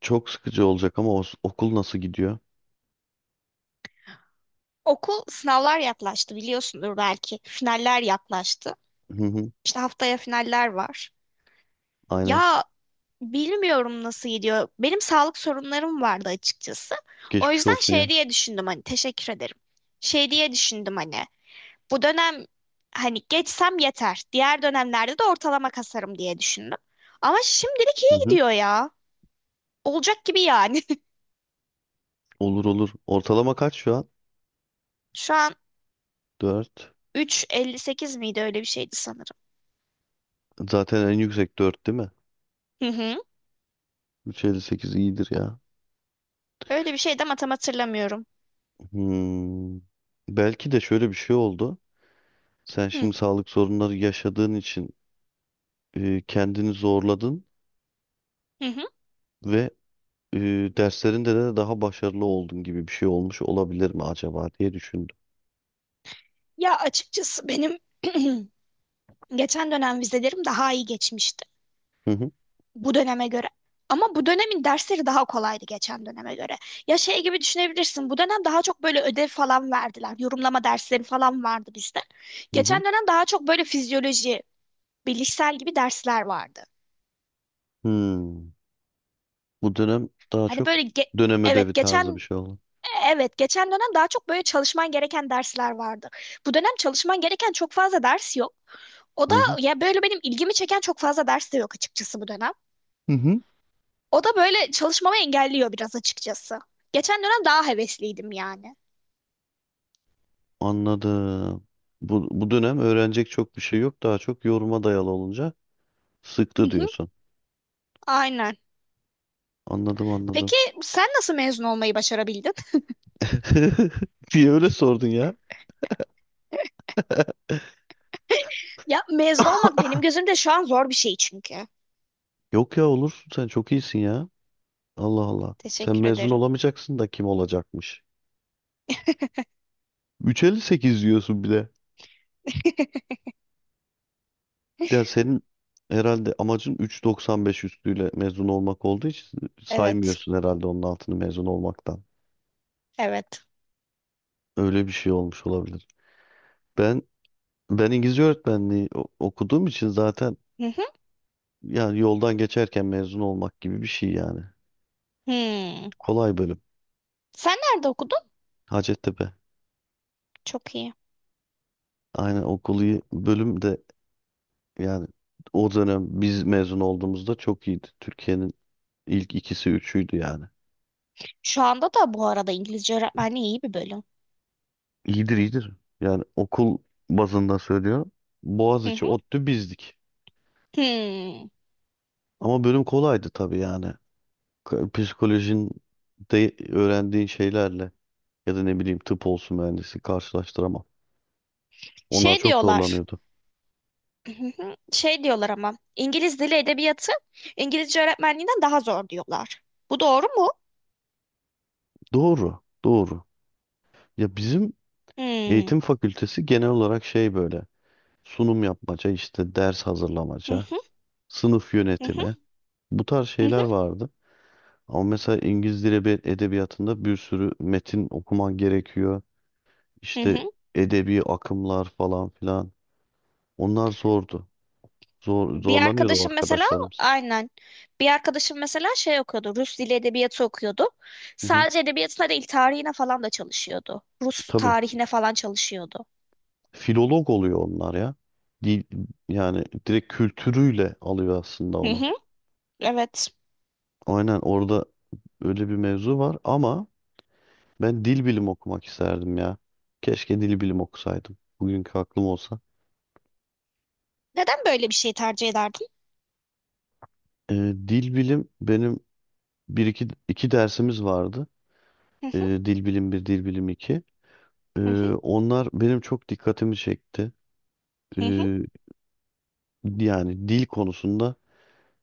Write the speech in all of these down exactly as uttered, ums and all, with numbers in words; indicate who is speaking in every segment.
Speaker 1: Çok sıkıcı olacak ama o- okul nasıl gidiyor?
Speaker 2: Okul sınavlar yaklaştı biliyorsundur belki. Finaller yaklaştı.
Speaker 1: Hı hı,
Speaker 2: İşte haftaya finaller var.
Speaker 1: aynen.
Speaker 2: Ya bilmiyorum nasıl gidiyor. Benim sağlık sorunlarım vardı açıkçası. O
Speaker 1: Geçmiş
Speaker 2: yüzden
Speaker 1: olsun
Speaker 2: şey
Speaker 1: ya.
Speaker 2: diye düşündüm hani teşekkür ederim. Şey diye düşündüm hani bu dönem hani geçsem yeter. Diğer dönemlerde de ortalama kasarım diye düşündüm. Ama şimdilik
Speaker 1: Hı
Speaker 2: iyi
Speaker 1: hı.
Speaker 2: gidiyor ya. Olacak gibi yani.
Speaker 1: Olur olur, ortalama kaç şu an?
Speaker 2: Şu an
Speaker 1: Dört.
Speaker 2: üç virgül elli sekiz miydi öyle bir şeydi sanırım.
Speaker 1: Zaten en yüksek dört değil mi?
Speaker 2: Hı hı.
Speaker 1: üç virgül elli sekiz iyidir ya.
Speaker 2: Öyle bir şeydi ama tam hatırlamıyorum.
Speaker 1: Hmm. Belki de şöyle bir şey oldu. Sen
Speaker 2: Hı.
Speaker 1: şimdi sağlık sorunları yaşadığın için e, kendini zorladın
Speaker 2: Hı hı.
Speaker 1: ve e, derslerinde de daha başarılı oldun gibi bir şey olmuş olabilir mi acaba diye düşündüm.
Speaker 2: Ya açıkçası benim geçen dönem vizelerim daha iyi geçmişti
Speaker 1: Hı hı.
Speaker 2: bu döneme göre. Ama bu dönemin dersleri daha kolaydı geçen döneme göre. Ya şey gibi düşünebilirsin. Bu dönem daha çok böyle ödev falan verdiler. Yorumlama dersleri falan vardı bizde.
Speaker 1: Hı
Speaker 2: Geçen
Speaker 1: hı.
Speaker 2: dönem daha çok böyle fizyoloji, bilişsel gibi dersler vardı.
Speaker 1: Hmm. Bu dönem daha
Speaker 2: Hani
Speaker 1: çok
Speaker 2: böyle ge-
Speaker 1: dönem ödevi
Speaker 2: evet
Speaker 1: tarzı bir
Speaker 2: geçen
Speaker 1: şey oldu.
Speaker 2: evet geçen dönem daha çok böyle çalışman gereken dersler vardı. Bu dönem çalışman gereken çok fazla ders yok. O da
Speaker 1: Hı hı.
Speaker 2: ya böyle benim ilgimi çeken çok fazla ders de yok açıkçası bu dönem.
Speaker 1: Hı hı.
Speaker 2: O da böyle çalışmamı engelliyor biraz açıkçası. Geçen dönem daha hevesliydim yani.
Speaker 1: Anladım. Bu, bu dönem öğrenecek çok bir şey yok. Daha çok yoruma dayalı olunca
Speaker 2: Hı
Speaker 1: sıktı
Speaker 2: hı,
Speaker 1: diyorsun.
Speaker 2: aynen.
Speaker 1: Anladım anladım.
Speaker 2: Peki sen nasıl mezun olmayı başarabildin?
Speaker 1: Niye öyle sordun ya?
Speaker 2: Ya mezun olmak benim gözümde şu an zor bir şey çünkü.
Speaker 1: Yok ya, olursun sen, çok iyisin ya. Allah Allah. Sen
Speaker 2: Teşekkür
Speaker 1: mezun
Speaker 2: ederim.
Speaker 1: olamayacaksın da kim olacakmış? üç virgül elli sekiz diyorsun bir de. Ya senin herhalde amacın üç virgül doksan beş üstüyle mezun olmak olduğu için
Speaker 2: Evet,
Speaker 1: saymıyorsun herhalde onun altını mezun olmaktan.
Speaker 2: evet.
Speaker 1: Öyle bir şey olmuş olabilir. Ben Ben İngilizce öğretmenliği o- okuduğum için zaten
Speaker 2: Hı hı.
Speaker 1: yani yoldan geçerken mezun olmak gibi bir şey yani.
Speaker 2: Hmm.
Speaker 1: Kolay bölüm.
Speaker 2: Sen nerede okudun?
Speaker 1: Hacettepe.
Speaker 2: Çok iyi.
Speaker 1: Aynen, okulu bölüm de yani, o dönem biz mezun olduğumuzda çok iyiydi. Türkiye'nin ilk ikisi üçüydü yani.
Speaker 2: Şu anda da bu arada İngilizce öğretmenliği iyi bir bölüm.
Speaker 1: İyidir iyidir. Yani okul bazında söylüyorum.
Speaker 2: Hı
Speaker 1: Boğaziçi,
Speaker 2: hı.
Speaker 1: ODTÜ, bizdik.
Speaker 2: Hmm.
Speaker 1: Ama bölüm kolaydı tabii yani. K- Psikolojinin de öğrendiğin şeylerle ya da ne bileyim tıp olsun, mühendisi karşılaştıramam. Onlar
Speaker 2: Şey
Speaker 1: çok
Speaker 2: diyorlar.
Speaker 1: zorlanıyordu.
Speaker 2: Hı hı. Şey diyorlar ama İngiliz dili edebiyatı İngilizce öğretmenliğinden daha zor diyorlar. Bu doğru mu?
Speaker 1: Doğru, doğru. Ya bizim
Speaker 2: Hmm.
Speaker 1: eğitim fakültesi genel olarak şey, böyle sunum yapmaca, işte ders
Speaker 2: Hı
Speaker 1: hazırlamaca,
Speaker 2: hı,
Speaker 1: sınıf
Speaker 2: hı hı,
Speaker 1: yönetimi, bu tarz
Speaker 2: hı hı,
Speaker 1: şeyler vardı. Ama mesela İngiliz Dili Edebi- Edebiyatı'nda bir sürü metin okuman gerekiyor.
Speaker 2: hı
Speaker 1: İşte
Speaker 2: hı.
Speaker 1: edebi akımlar falan filan. Onlar zordu. Zor,
Speaker 2: Bir
Speaker 1: zorlanıyordu o
Speaker 2: arkadaşım mesela
Speaker 1: arkadaşlarımız.
Speaker 2: aynen. Bir arkadaşım mesela şey okuyordu. Rus dili edebiyatı okuyordu.
Speaker 1: Hı hı,
Speaker 2: Sadece edebiyatına değil tarihine falan da çalışıyordu. Rus
Speaker 1: tabii.
Speaker 2: tarihine falan çalışıyordu.
Speaker 1: Filolog oluyor onlar ya. Dil, yani direkt kültürüyle alıyor aslında
Speaker 2: Hı
Speaker 1: onu.
Speaker 2: hı, evet.
Speaker 1: Aynen orada öyle bir mevzu var ama ben dil bilim okumak isterdim ya. Keşke dil bilim okusaydım. Bugünkü aklım olsa.
Speaker 2: Neden böyle bir şey tercih ederdin?
Speaker 1: Ee, dil bilim benim bir iki, iki dersimiz vardı.
Speaker 2: Hı
Speaker 1: Ee,
Speaker 2: hı,
Speaker 1: dil bilim bir, dil bilim iki. Ee,
Speaker 2: hı hı,
Speaker 1: onlar benim çok dikkatimi çekti.
Speaker 2: hı hı,
Speaker 1: Ee, yani dil konusunda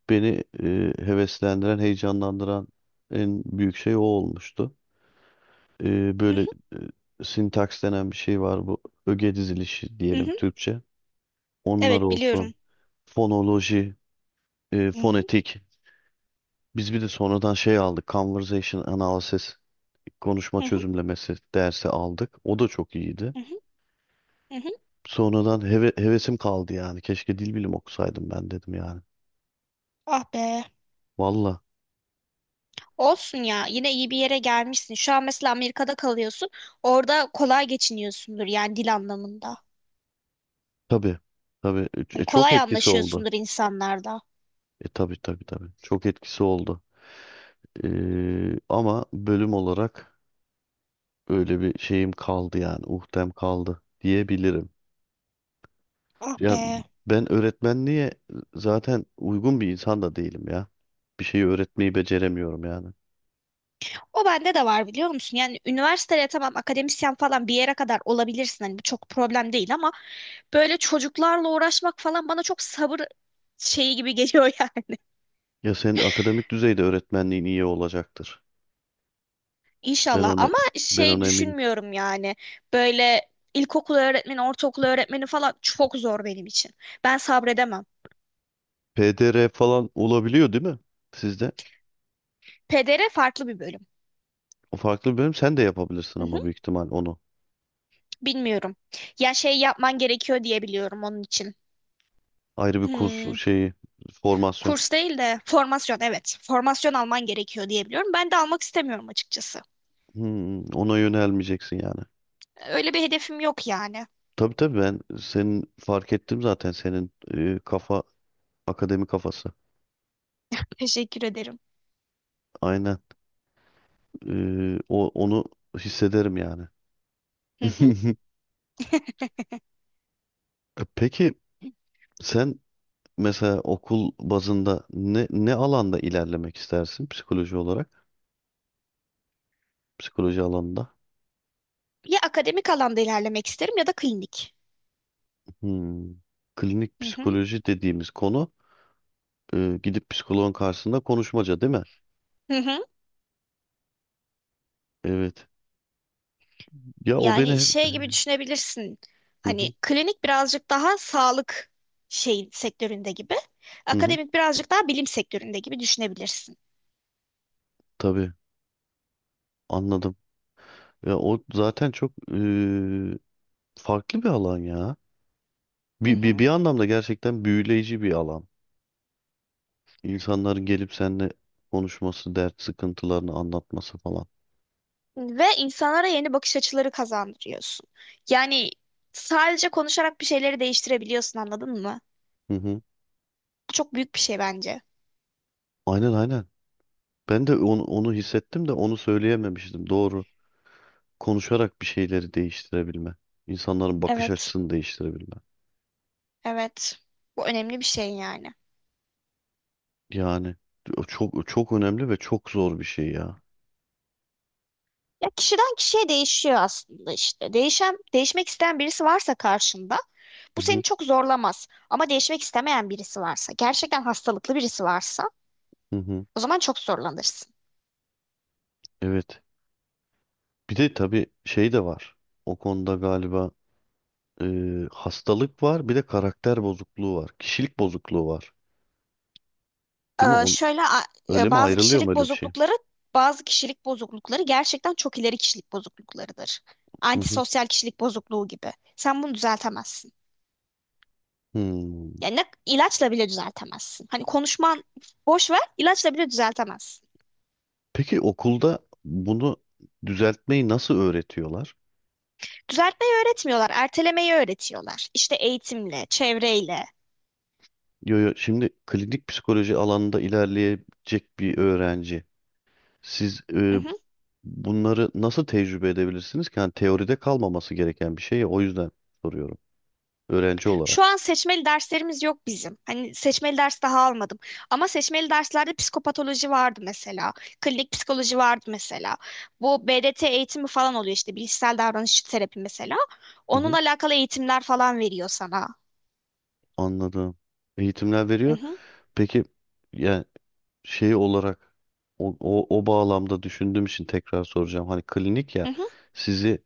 Speaker 1: beni e, heveslendiren, heyecanlandıran en büyük şey o olmuştu. Ee,
Speaker 2: hı
Speaker 1: böyle
Speaker 2: hı,
Speaker 1: e, sintaks denen bir şey var bu. Öge dizilişi
Speaker 2: hı
Speaker 1: diyelim
Speaker 2: hı.
Speaker 1: Türkçe. Onlar
Speaker 2: Evet
Speaker 1: olsun.
Speaker 2: biliyorum.
Speaker 1: Fonoloji, e,
Speaker 2: Hı hı,
Speaker 1: fonetik. Biz bir de sonradan şey aldık, Conversation Analysis, konuşma
Speaker 2: hı hı,
Speaker 1: çözümlemesi dersi aldık. O da çok iyiydi.
Speaker 2: hı hı, hı hı.
Speaker 1: Sonradan heve- hevesim kaldı yani. Keşke dil bilim okusaydım ben dedim yani.
Speaker 2: Ah be.
Speaker 1: Valla.
Speaker 2: Olsun ya yine iyi bir yere gelmişsin. Şu an mesela Amerika'da kalıyorsun. Orada kolay geçiniyorsundur yani dil anlamında.
Speaker 1: Tabii. Tabii. E, e,
Speaker 2: Hani
Speaker 1: çok
Speaker 2: kolay
Speaker 1: etkisi oldu.
Speaker 2: anlaşıyorsundur insanlarda.
Speaker 1: E tabii tabii tabii. Çok etkisi oldu. E, ama bölüm olarak öyle bir şeyim kaldı yani. Uhtem kaldı diyebilirim.
Speaker 2: Ah
Speaker 1: Ya
Speaker 2: be.
Speaker 1: ben öğretmenliğe zaten uygun bir insan da değilim ya. Bir şeyi öğretmeyi beceremiyorum yani.
Speaker 2: O bende de var biliyor musun? Yani üniversiteye tamam akademisyen falan bir yere kadar olabilirsin. Hani bu çok problem değil ama böyle çocuklarla uğraşmak falan bana çok sabır şeyi gibi geliyor yani.
Speaker 1: Ya senin akademik düzeyde öğretmenliğin iyi olacaktır. Ben
Speaker 2: İnşallah
Speaker 1: ona
Speaker 2: ama
Speaker 1: ben
Speaker 2: şey
Speaker 1: ona eminim.
Speaker 2: düşünmüyorum yani. Böyle ilkokul öğretmeni, ortaokul öğretmeni falan çok zor benim için. Ben sabredemem.
Speaker 1: P D R falan olabiliyor değil mi? Sizde.
Speaker 2: Pedere farklı bir bölüm.
Speaker 1: O farklı bir bölüm, sen de yapabilirsin
Speaker 2: Hı hı,
Speaker 1: ama büyük ihtimal onu.
Speaker 2: bilmiyorum. Ya şey yapman gerekiyor diye biliyorum onun için.
Speaker 1: Ayrı bir
Speaker 2: Hmm,
Speaker 1: kurs şeyi, formasyon.
Speaker 2: kurs değil de formasyon evet. Formasyon alman gerekiyor diye biliyorum. Ben de almak istemiyorum açıkçası.
Speaker 1: Hmm, ona yönelmeyeceksin yani.
Speaker 2: Öyle bir hedefim yok yani.
Speaker 1: Tabii tabii, ben senin fark ettim zaten, senin e, kafa akademi kafası.
Speaker 2: Teşekkür ederim.
Speaker 1: Aynen. Ee, o, onu hissederim yani.
Speaker 2: Hı hı.
Speaker 1: Peki sen mesela okul bazında ne ne alanda ilerlemek istersin, psikoloji olarak? Psikoloji alanında.
Speaker 2: Ya akademik alanda ilerlemek isterim ya da klinik.
Speaker 1: Hmm. Klinik
Speaker 2: Hı hı.
Speaker 1: psikoloji dediğimiz konu e, gidip psikoloğun karşısında konuşmaca değil mi?
Speaker 2: Hı hı.
Speaker 1: Evet. Ya o beni
Speaker 2: Yani şey gibi
Speaker 1: hı
Speaker 2: düşünebilirsin. Hani
Speaker 1: hı,
Speaker 2: klinik birazcık daha sağlık şey sektöründe gibi.
Speaker 1: hı hı,
Speaker 2: Akademik birazcık daha bilim sektöründe gibi düşünebilirsin.
Speaker 1: tabii anladım. Ya o zaten çok e, farklı bir alan ya.
Speaker 2: Hı
Speaker 1: Bir, bir, bir
Speaker 2: hı.
Speaker 1: anlamda gerçekten büyüleyici bir alan. İnsanların gelip seninle konuşması, dert sıkıntılarını anlatması falan.
Speaker 2: Ve insanlara yeni bakış açıları kazandırıyorsun. Yani sadece konuşarak bir şeyleri değiştirebiliyorsun, anladın mı?
Speaker 1: Hı hı.
Speaker 2: Bu çok büyük bir şey bence.
Speaker 1: Aynen aynen. Ben de onu, onu hissettim de onu söyleyememiştim. Doğru. Konuşarak bir şeyleri değiştirebilme. İnsanların bakış
Speaker 2: Evet,
Speaker 1: açısını değiştirebilme.
Speaker 2: evet. Bu önemli bir şey yani.
Speaker 1: Yani o çok çok önemli ve çok zor bir şey ya.
Speaker 2: Ya kişiden kişiye değişiyor aslında işte. Değişen, değişmek isteyen birisi varsa karşında
Speaker 1: Hı
Speaker 2: bu seni
Speaker 1: hı,
Speaker 2: çok zorlamaz. Ama değişmek istemeyen birisi varsa, gerçekten hastalıklı birisi varsa
Speaker 1: hı hı.
Speaker 2: o zaman çok zorlanırsın.
Speaker 1: Evet. Bir de tabii şey de var. O konuda galiba e, hastalık var, bir de karakter bozukluğu var. Kişilik bozukluğu var. Değil mi?
Speaker 2: Ee,
Speaker 1: O,
Speaker 2: şöyle a-
Speaker 1: öyle
Speaker 2: e,
Speaker 1: mi
Speaker 2: bazı
Speaker 1: ayrılıyor, mu
Speaker 2: kişilik
Speaker 1: öyle bir şey?
Speaker 2: bozuklukları bazı kişilik bozuklukları gerçekten çok ileri kişilik bozukluklarıdır.
Speaker 1: Hı hı.
Speaker 2: Antisosyal kişilik bozukluğu gibi. Sen bunu düzeltemezsin.
Speaker 1: Hmm.
Speaker 2: Yani ne- ilaçla bile düzeltemezsin. Hani konuşman boş ver, ilaçla bile düzeltemezsin.
Speaker 1: Peki okulda bunu düzeltmeyi nasıl öğretiyorlar?
Speaker 2: Düzeltmeyi öğretmiyorlar, ertelemeyi öğretiyorlar. İşte eğitimle, çevreyle.
Speaker 1: Yo, yo, şimdi klinik psikoloji alanında ilerleyecek bir öğrenci. Siz e,
Speaker 2: Mhm.
Speaker 1: bunları nasıl tecrübe edebilirsiniz ki? Yani teoride kalmaması gereken bir şey ya, o yüzden soruyorum. Öğrenci olarak.
Speaker 2: Şu an seçmeli derslerimiz yok bizim. Hani seçmeli ders daha almadım. Ama seçmeli derslerde psikopatoloji vardı mesela. Klinik psikoloji vardı mesela. Bu B D T eğitimi falan oluyor işte bilişsel davranış terapi mesela.
Speaker 1: Hı hı,
Speaker 2: Onunla alakalı eğitimler falan veriyor sana.
Speaker 1: anladım. Eğitimler
Speaker 2: Hı
Speaker 1: veriyor.
Speaker 2: hı,
Speaker 1: Peki yani şey olarak o, o, o bağlamda düşündüğüm için tekrar soracağım. Hani klinik ya,
Speaker 2: hı hı.
Speaker 1: sizi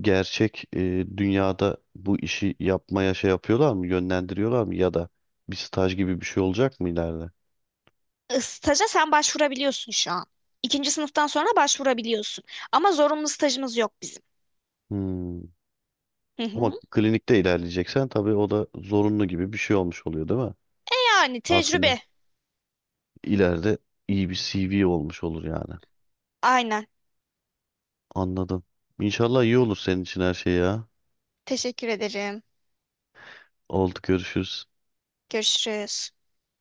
Speaker 1: gerçek e, dünyada bu işi yapmaya şey yapıyorlar mı, yönlendiriyorlar mı ya da bir staj gibi bir şey olacak mı ileride?
Speaker 2: E, Staja sen başvurabiliyorsun şu an. İkinci sınıftan sonra başvurabiliyorsun. Ama zorunlu stajımız yok bizim.
Speaker 1: Hmm.
Speaker 2: Hı
Speaker 1: Ama
Speaker 2: hı.
Speaker 1: klinikte ilerleyeceksen tabii o da zorunlu gibi bir şey olmuş oluyor değil mi?
Speaker 2: Yani
Speaker 1: Aslında
Speaker 2: tecrübe.
Speaker 1: ileride iyi bir C V olmuş olur yani.
Speaker 2: Aynen.
Speaker 1: Anladım. İnşallah iyi olur senin için her şey ya.
Speaker 2: Teşekkür ederim.
Speaker 1: Oldu, görüşürüz.
Speaker 2: Görüşürüz.